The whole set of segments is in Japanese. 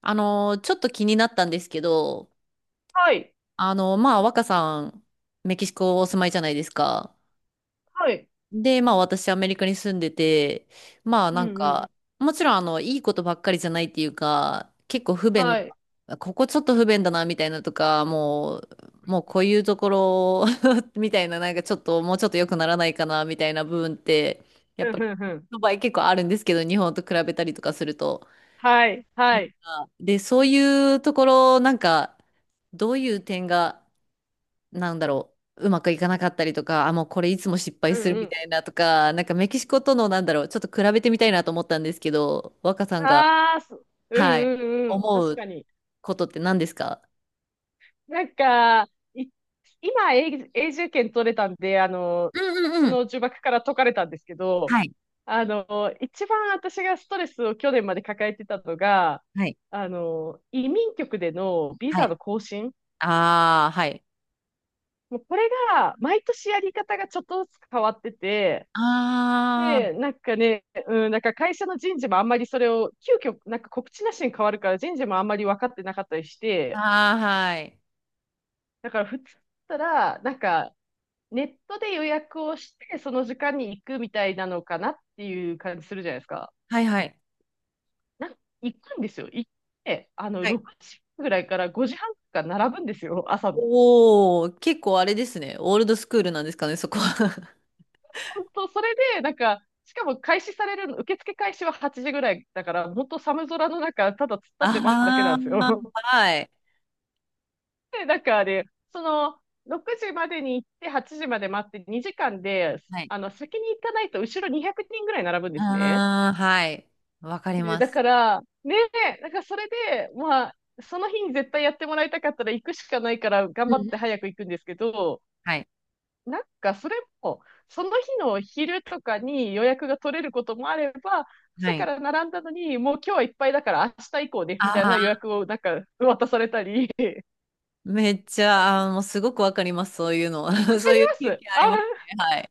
ちょっと気になったんですけど、はい。まあ、若さん、メキシコお住まいじゃないですか。はい。で、まあ、私、アメリカに住んでて、まあ、うんなんうん。か、もちろん、いいことばっかりじゃないっていうか、結構不便はい。な、ここちょっと不便だな、みたいなとか、もうこういうところ みたいな、なんかちょっと、もうちょっと良くならないかな、みたいな部分って、やっうんぱり、うんうん。の場合結構あるんですけど、日本と比べたりとかすると。はい。なはんい。かで、そういうところ、なんか、どういう点が、なんだろう、うまくいかなかったりとか、あ、もうこれいつも失敗うすんるうみん。たいなとか、なんかメキシコとの、なんだろう、ちょっと比べてみたいなと思ったんですけど、若さんが、ああ、そうんはい、うんうん。思確うかに。ことって何ですか？なんか、い、今、永永住権取れたんで、うんうんそうん。の呪縛から解かれたんですけど、はい、一番私がストレスを去年まで抱えてたのが、はい、移民局でのビはザい。の更新。ああ、はい。もうこれが、毎年やり方がちょっとずつ変わってて、あで、なんかね、なんか会社の人事もあんまりそれを、急遽、なんか告知なしに変わるから人事もあんまり分かってなかったりしあ、て、ああ、はい。だから普通だったら、なんかネットで予約をして、その時間に行くみたいなのかなっていう感じするじゃないですか。はいはい。なんか行くんですよ。行って、はい。6時ぐらいから5時半から並ぶんですよ、朝の。おお、結構あれですね。オールドスクールなんですかね、そこは。本当、それで、なんか、しかも開始されるの、受付開始は8時ぐらいだから、本当寒空の中、ただ突っ立って待つだけなん ですああ、よ。はい。で、だからね、その、6時までに行って、8時まで待って、2時間で、はい。先に行かないと、後ろ200人ぐらい並ぶんですね。ああ、はい。わかりね、まだす。から、ね、だからそれで、まあ、その日に絶対やってもらいたかったら行くしかないから、頑う張っんうてん。早く行くんですけど、はい。なんかそれも、その日の昼とかに予約が取れることもあれば、は朝かい。ら並んだのに、もう今日はいっぱいだから明日以降ね、みたいあな予あ、約をなんか渡されたり、めっちゃ、あーもうすごくわかります。そういうの。わかりそういう経ます。験ああ、りますね。はい。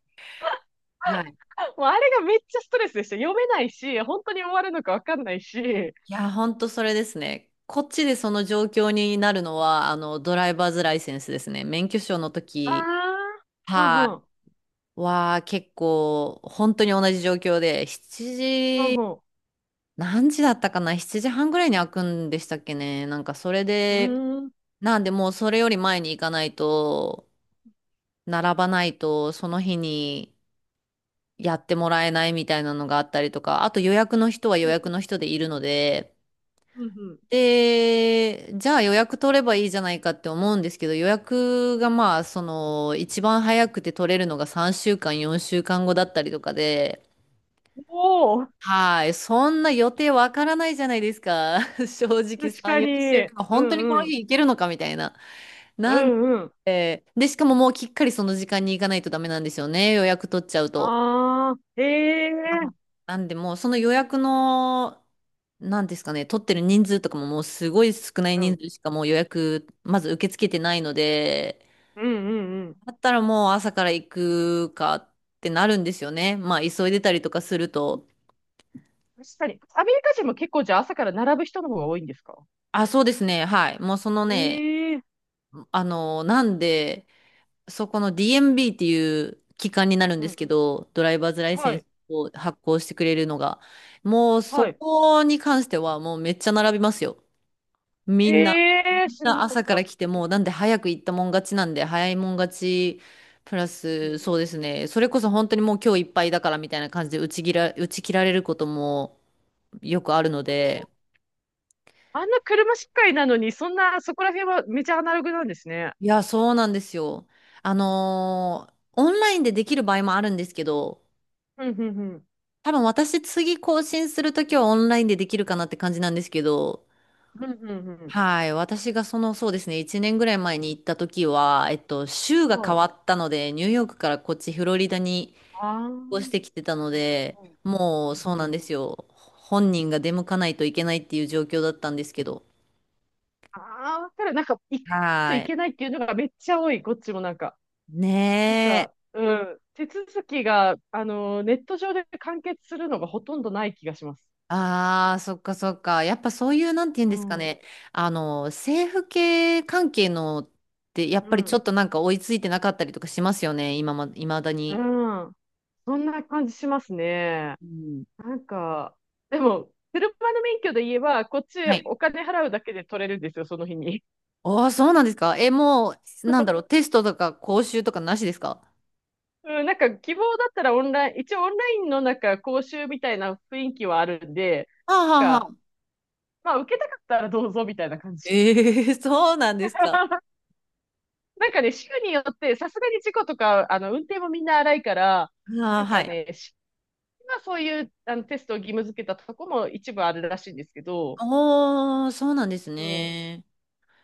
はい。もうあれがめっちゃストレスでした。読めないし、本当に終わるのかわかんないし。いや、ほんとそれですね。こっちでその状況になるのは、ドライバーズライセンスですね。免許証の時、ああ、うはんうん、い。結構、本当に同じ状況で、7う時、ん何時だったかな？ 7 時半ぐらいに開くんでしたっけね。なんか、それうん。うで、ーん、うんなんでもうそれより前に行かないと、並ばないと、その日にやってもらえないみたいなのがあったりとか、あと予約の人は予約の人でいるので、うん。で、じゃあ予約取ればいいじゃないかって思うんですけど、予約がまあ、その、一番早くて取れるのが3週間、4週間後だったりとかで、おお、はい、そんな予定わからないじゃないですか。正直確3、か4週に。間、う本当にこんのうん、日行けるのかみたいな。うなんんうん。で、でしかも、もうきっかりその時間に行かないとダメなんですよね。予約取っちゃうと。ああ、あえのえなんでもうその予約の、なんですかね、取ってる人数とかももうすごい少ないう人ん、数しかもう予約、まず受け付けてないので、うんうんうん。だったらもう朝から行くかってなるんですよね。まあ急いでたりとかすると。確かに。アメリカ人も結構じゃあ朝から並ぶ人の方が多いんですか？あ、そうですね。はい。もうそのね、ええなんで、そこの DMB っていう機関になるんうですん。けど、ドライバーズライセはンスい、を発行してくれるのが、もうそはい。こに関してはもうめっちゃ並びますよ。みんな、みええん知らななかっ朝からた。来てえもうなんで早く行ったもん勝ちなんで、早いもん勝ち、プラうスん。そうですね、それこそ本当にもう今日いっぱいだからみたいな感じで打ち切られることもよくあるので、あんな車社会なのに、そんな、そこら辺はめちゃアナログなんですね。いや、そうなんですよ。オンラインでできる場合もあるんですけど、ふんふんふん。多分私次更新するときはオンラインでできるかなって感じなんですけど、ふんふんふん。はい。私がその、そうですね。1年ぐらい前に行ったときは、州がそ変う。わったので、ニューヨークからこっちフロリダにああ。う越しんてきてたのうんで、もうそううなんん。ですよ。本人が出向かないといけないっていう状況だったんですけど。ああ、わかる。なんか、行かないとはいい。けないっていうのがめっちゃ多い、こっちもなんか。なんね、か、うん。手続きが、ネット上で完結するのがほとんどない気がします。ああ、そっかそっか。やっぱそういう、なんて言うんうですかん。うね。政府系関係のって、やっぱりちょん。っとなんか追いついてなかったりとかしますよね。未だうに。ん。そんな感じしますね。うん、なんか、でも、車の免許で言えば、こっちはい。お金払うだけで取れるんですよ、その日に。ああ、そうなんですか。え、もう、なんだろう、テストとか講習とかなしですか？うん、なんか希望だったらオンライン、一応オンラインのなんか講習みたいな雰囲気はあるんで、はあはあなんはか、あ。まあ受けたかったらどうぞみたいな感 じ。ええそうなんですか。なんかね、州によってさすがに事故とか、運転もみんな荒いから、あなあ、んはかい。ね、州はそういうあのテストを義務付けたとこも一部あるらしいんですけど、おー、そうなんですうん。こね。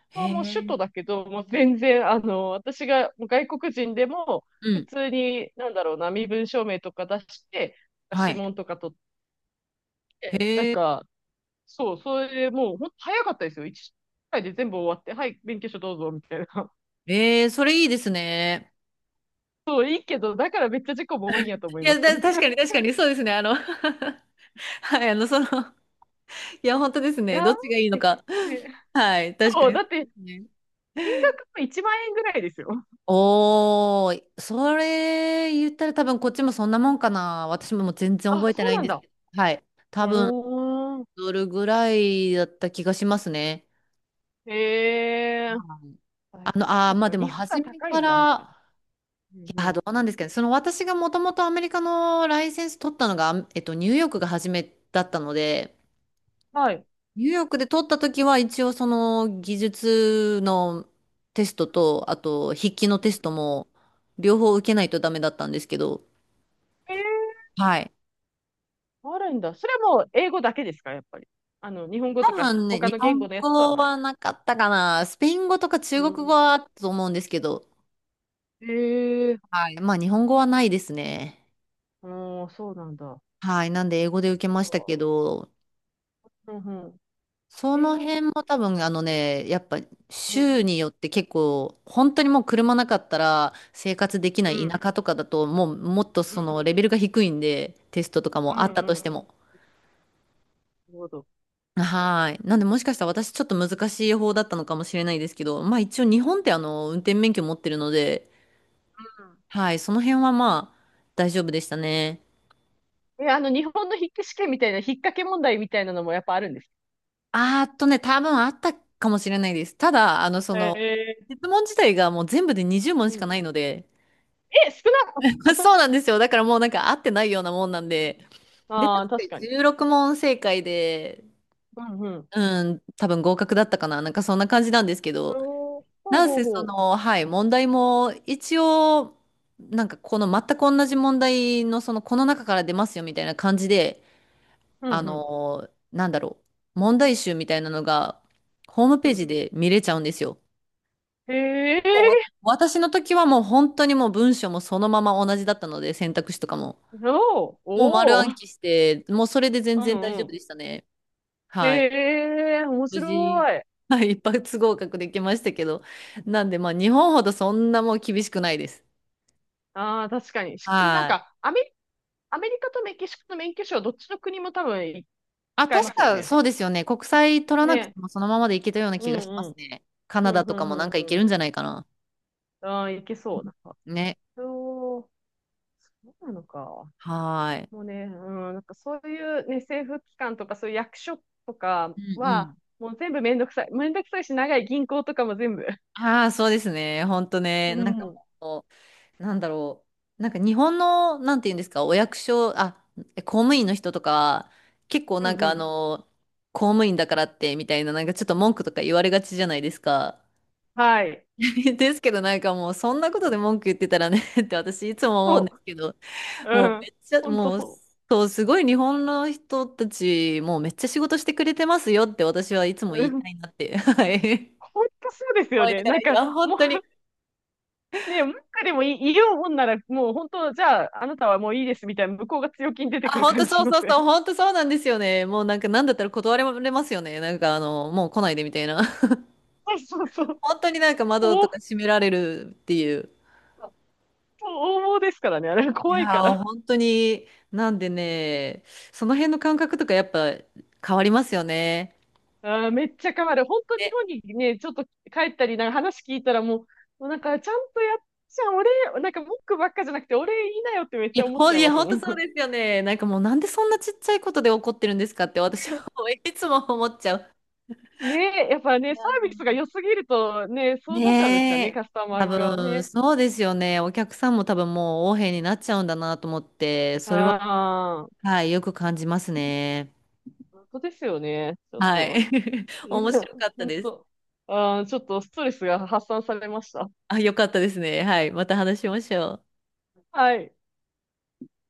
へこはもう首え。都だけど、もう全然、私がもう外国人でも、う普ん。通に、なんだろうな、身分証明とか出して、は指い。紋とか取っへて、なんえ。か、そう、それでもう、ほんと早かったですよ。1回で全部終わって、はい、勉強書どうぞ、みたいな。ええそれいいですね。そう、いいけど、だからめっちゃ事故も多いんやと思いいまや、す。確か に確かに、そうですね。はい、その、いや、本当ですいやね。どっちがいいのー、か。ね、はい、確かそう、にだそっうて、ですね。金額も1万円ぐらいですよ。おー、それ言ったら多分こっちもそんなもんかな。私ももう全然あ、覚えてそうないんなんですだ。けど。はい。う多分、ーん。どれぐらいだった気がしますね。へえ。はい。あ、なんまあか、でも日本が初め高いかんだ、じゃら、あ。うんいうやー、ん。どうなんですかね。その私がもともとアメリカのライセンス取ったのが、ニューヨークが初めだったので、はい。ニューヨークで取った時は一応その技術のテストと、あと筆記のテストも両方受けないとダメだったんですけど、ええはい。あるんだ。それはもう英語だけですか、やっぱり。日本語多とか分ね、他日の言本語のやつは語ない？はなかったかな。スペイン語とかう中国語ん。はあったと思うんですけど、ええはい。まあ日本語はないですね。うん、そうなんだ。はい。なんで英語で受けましたけど、うんうん。そええのうん。辺も多分ね、やっぱうん。州によって結構、本当にもう車なかったら生活できなうい田ん舎とかだと、もうもっとうん。そのレベルが低いんで、テストとかうんもうあん。ったなとしてるも。ほど。確かに。はい。なんでもしかしたら私ちょっと難しい方だったのかもしれないですけど、まあ一応日本って運転免許持ってるので、はい、その辺はまあ大丈夫でしたね。うん。え、日本の筆記試験みたいな、引っ掛け問題みたいなのもやっぱあるんです？あーっとね、多分あったかもしれないです。ただ、そへの、え。質問自体がもう全部で20問うしかん。ないので、え、少な。 そうなんですよ。だからもうなんか合ってないようなもんなんで。で、あ確あー、か確にかに。16問正解で、うんうん。うん、多分合格だったかな。なんかそんな感じなんですけど、おー、ほうなんほうせそほの、はい、問題も一応、なんかこの全く同じ問題のその、この中から出ますよみたいな感じで、う。うんうん。なんだろう、問題集みたいなのが、ホームうペーん。ジで見れちゃうんですよ。へえ。私の時はもう本当にもう文章もそのまま同じだったので、選択肢とかも。おー、もう丸お暗ー。記して、もうそれで全うん然大丈う夫ん。でしたね。はい。へえ、面無事、白い。はい、一発合格できましたけど。なんで、まあ、日本ほどそんなもう厳しくないです。ああ、確かに。なんはい。か、アメリカとメキシコと免許証、どっちの国も多分あ、使えま確すよかね。そうですよね。国際取らなくね。てもそのままでいけたようなう気んがしまうすん。ね。カナうダん、うとかん、うもなんん、かいうけるんん。じゃないかな。ああ、いけそう。なんか、ね。そう、そうなのか。はい。もうね、うん、なんかそういうね、政府機関とか、そういう役所とかうんうん。は、もう全部めんどくさい。めんどくさいし、長い銀行とかも全部。ああ、そうですね。ほんとね。うん、なんかうん、もうなんだろう。なんか日本の、なんて言うんですか、お役所、あ、公務員の人とかは、結構うなんかん。公務員だからってみたいな、なんかちょっと文句とか言われがちじゃないですか。はい。ですけどなんかもうそんなことで文句言ってたらね って私いつも思うんでそすけど、う。もううめん。っちゃ、ほんともう、そそう、すごい日本の人たち、もうめっちゃ仕事してくれてますよって私はいつもう。言ういたん。いなって、はい。ほんとそうですよ思いなね。がなら、んいか、や、本もう、当に、ね、文句でもいい、言おうもんなら、もう本当、じゃあ、あなたはもういいですみたいな、向こうが強気に出てあ、くる本感当じそしうまそうせん？そう、本 当そうなんですよね。もうなんか、なんだったら断られますよね。なんか、もう来ないでみたいな。そうそうそう。本当になんか窓とおか閉められるっていう。応募ですからね、あれい怖いかやー、ら。本当に、なんでね、その辺の感覚とかやっぱ変わりますよね。あーめっちゃ変わる。本当日ね、本にね、ちょっと帰ったり、なんか話聞いたらもうなんかちゃんとやっちゃん、俺、なんか文句ばっかじゃなくて、俺いいなよってめっいちゃや、思っちゃいいや、ます本も当ん。そうですよね。なんかもう、なんでそんなちっちゃいことで怒ってるんですかって私は いつも思っちゃう。ねえ、やっぱね、サービスが 良すぎるとね、そうなっちゃうんですかねね、え。カスタマ多ー側分、ね。そうですよね。お客さんも多分もう横柄になっちゃうんだなと思って、それは、ああ、はい、よく感じますね。本当ですよね、ちょっはと。い。面白か った本です。当。ああ、ちょっとストレスが発散されました。あ、よかったですね。はい。また話しましょう。はい。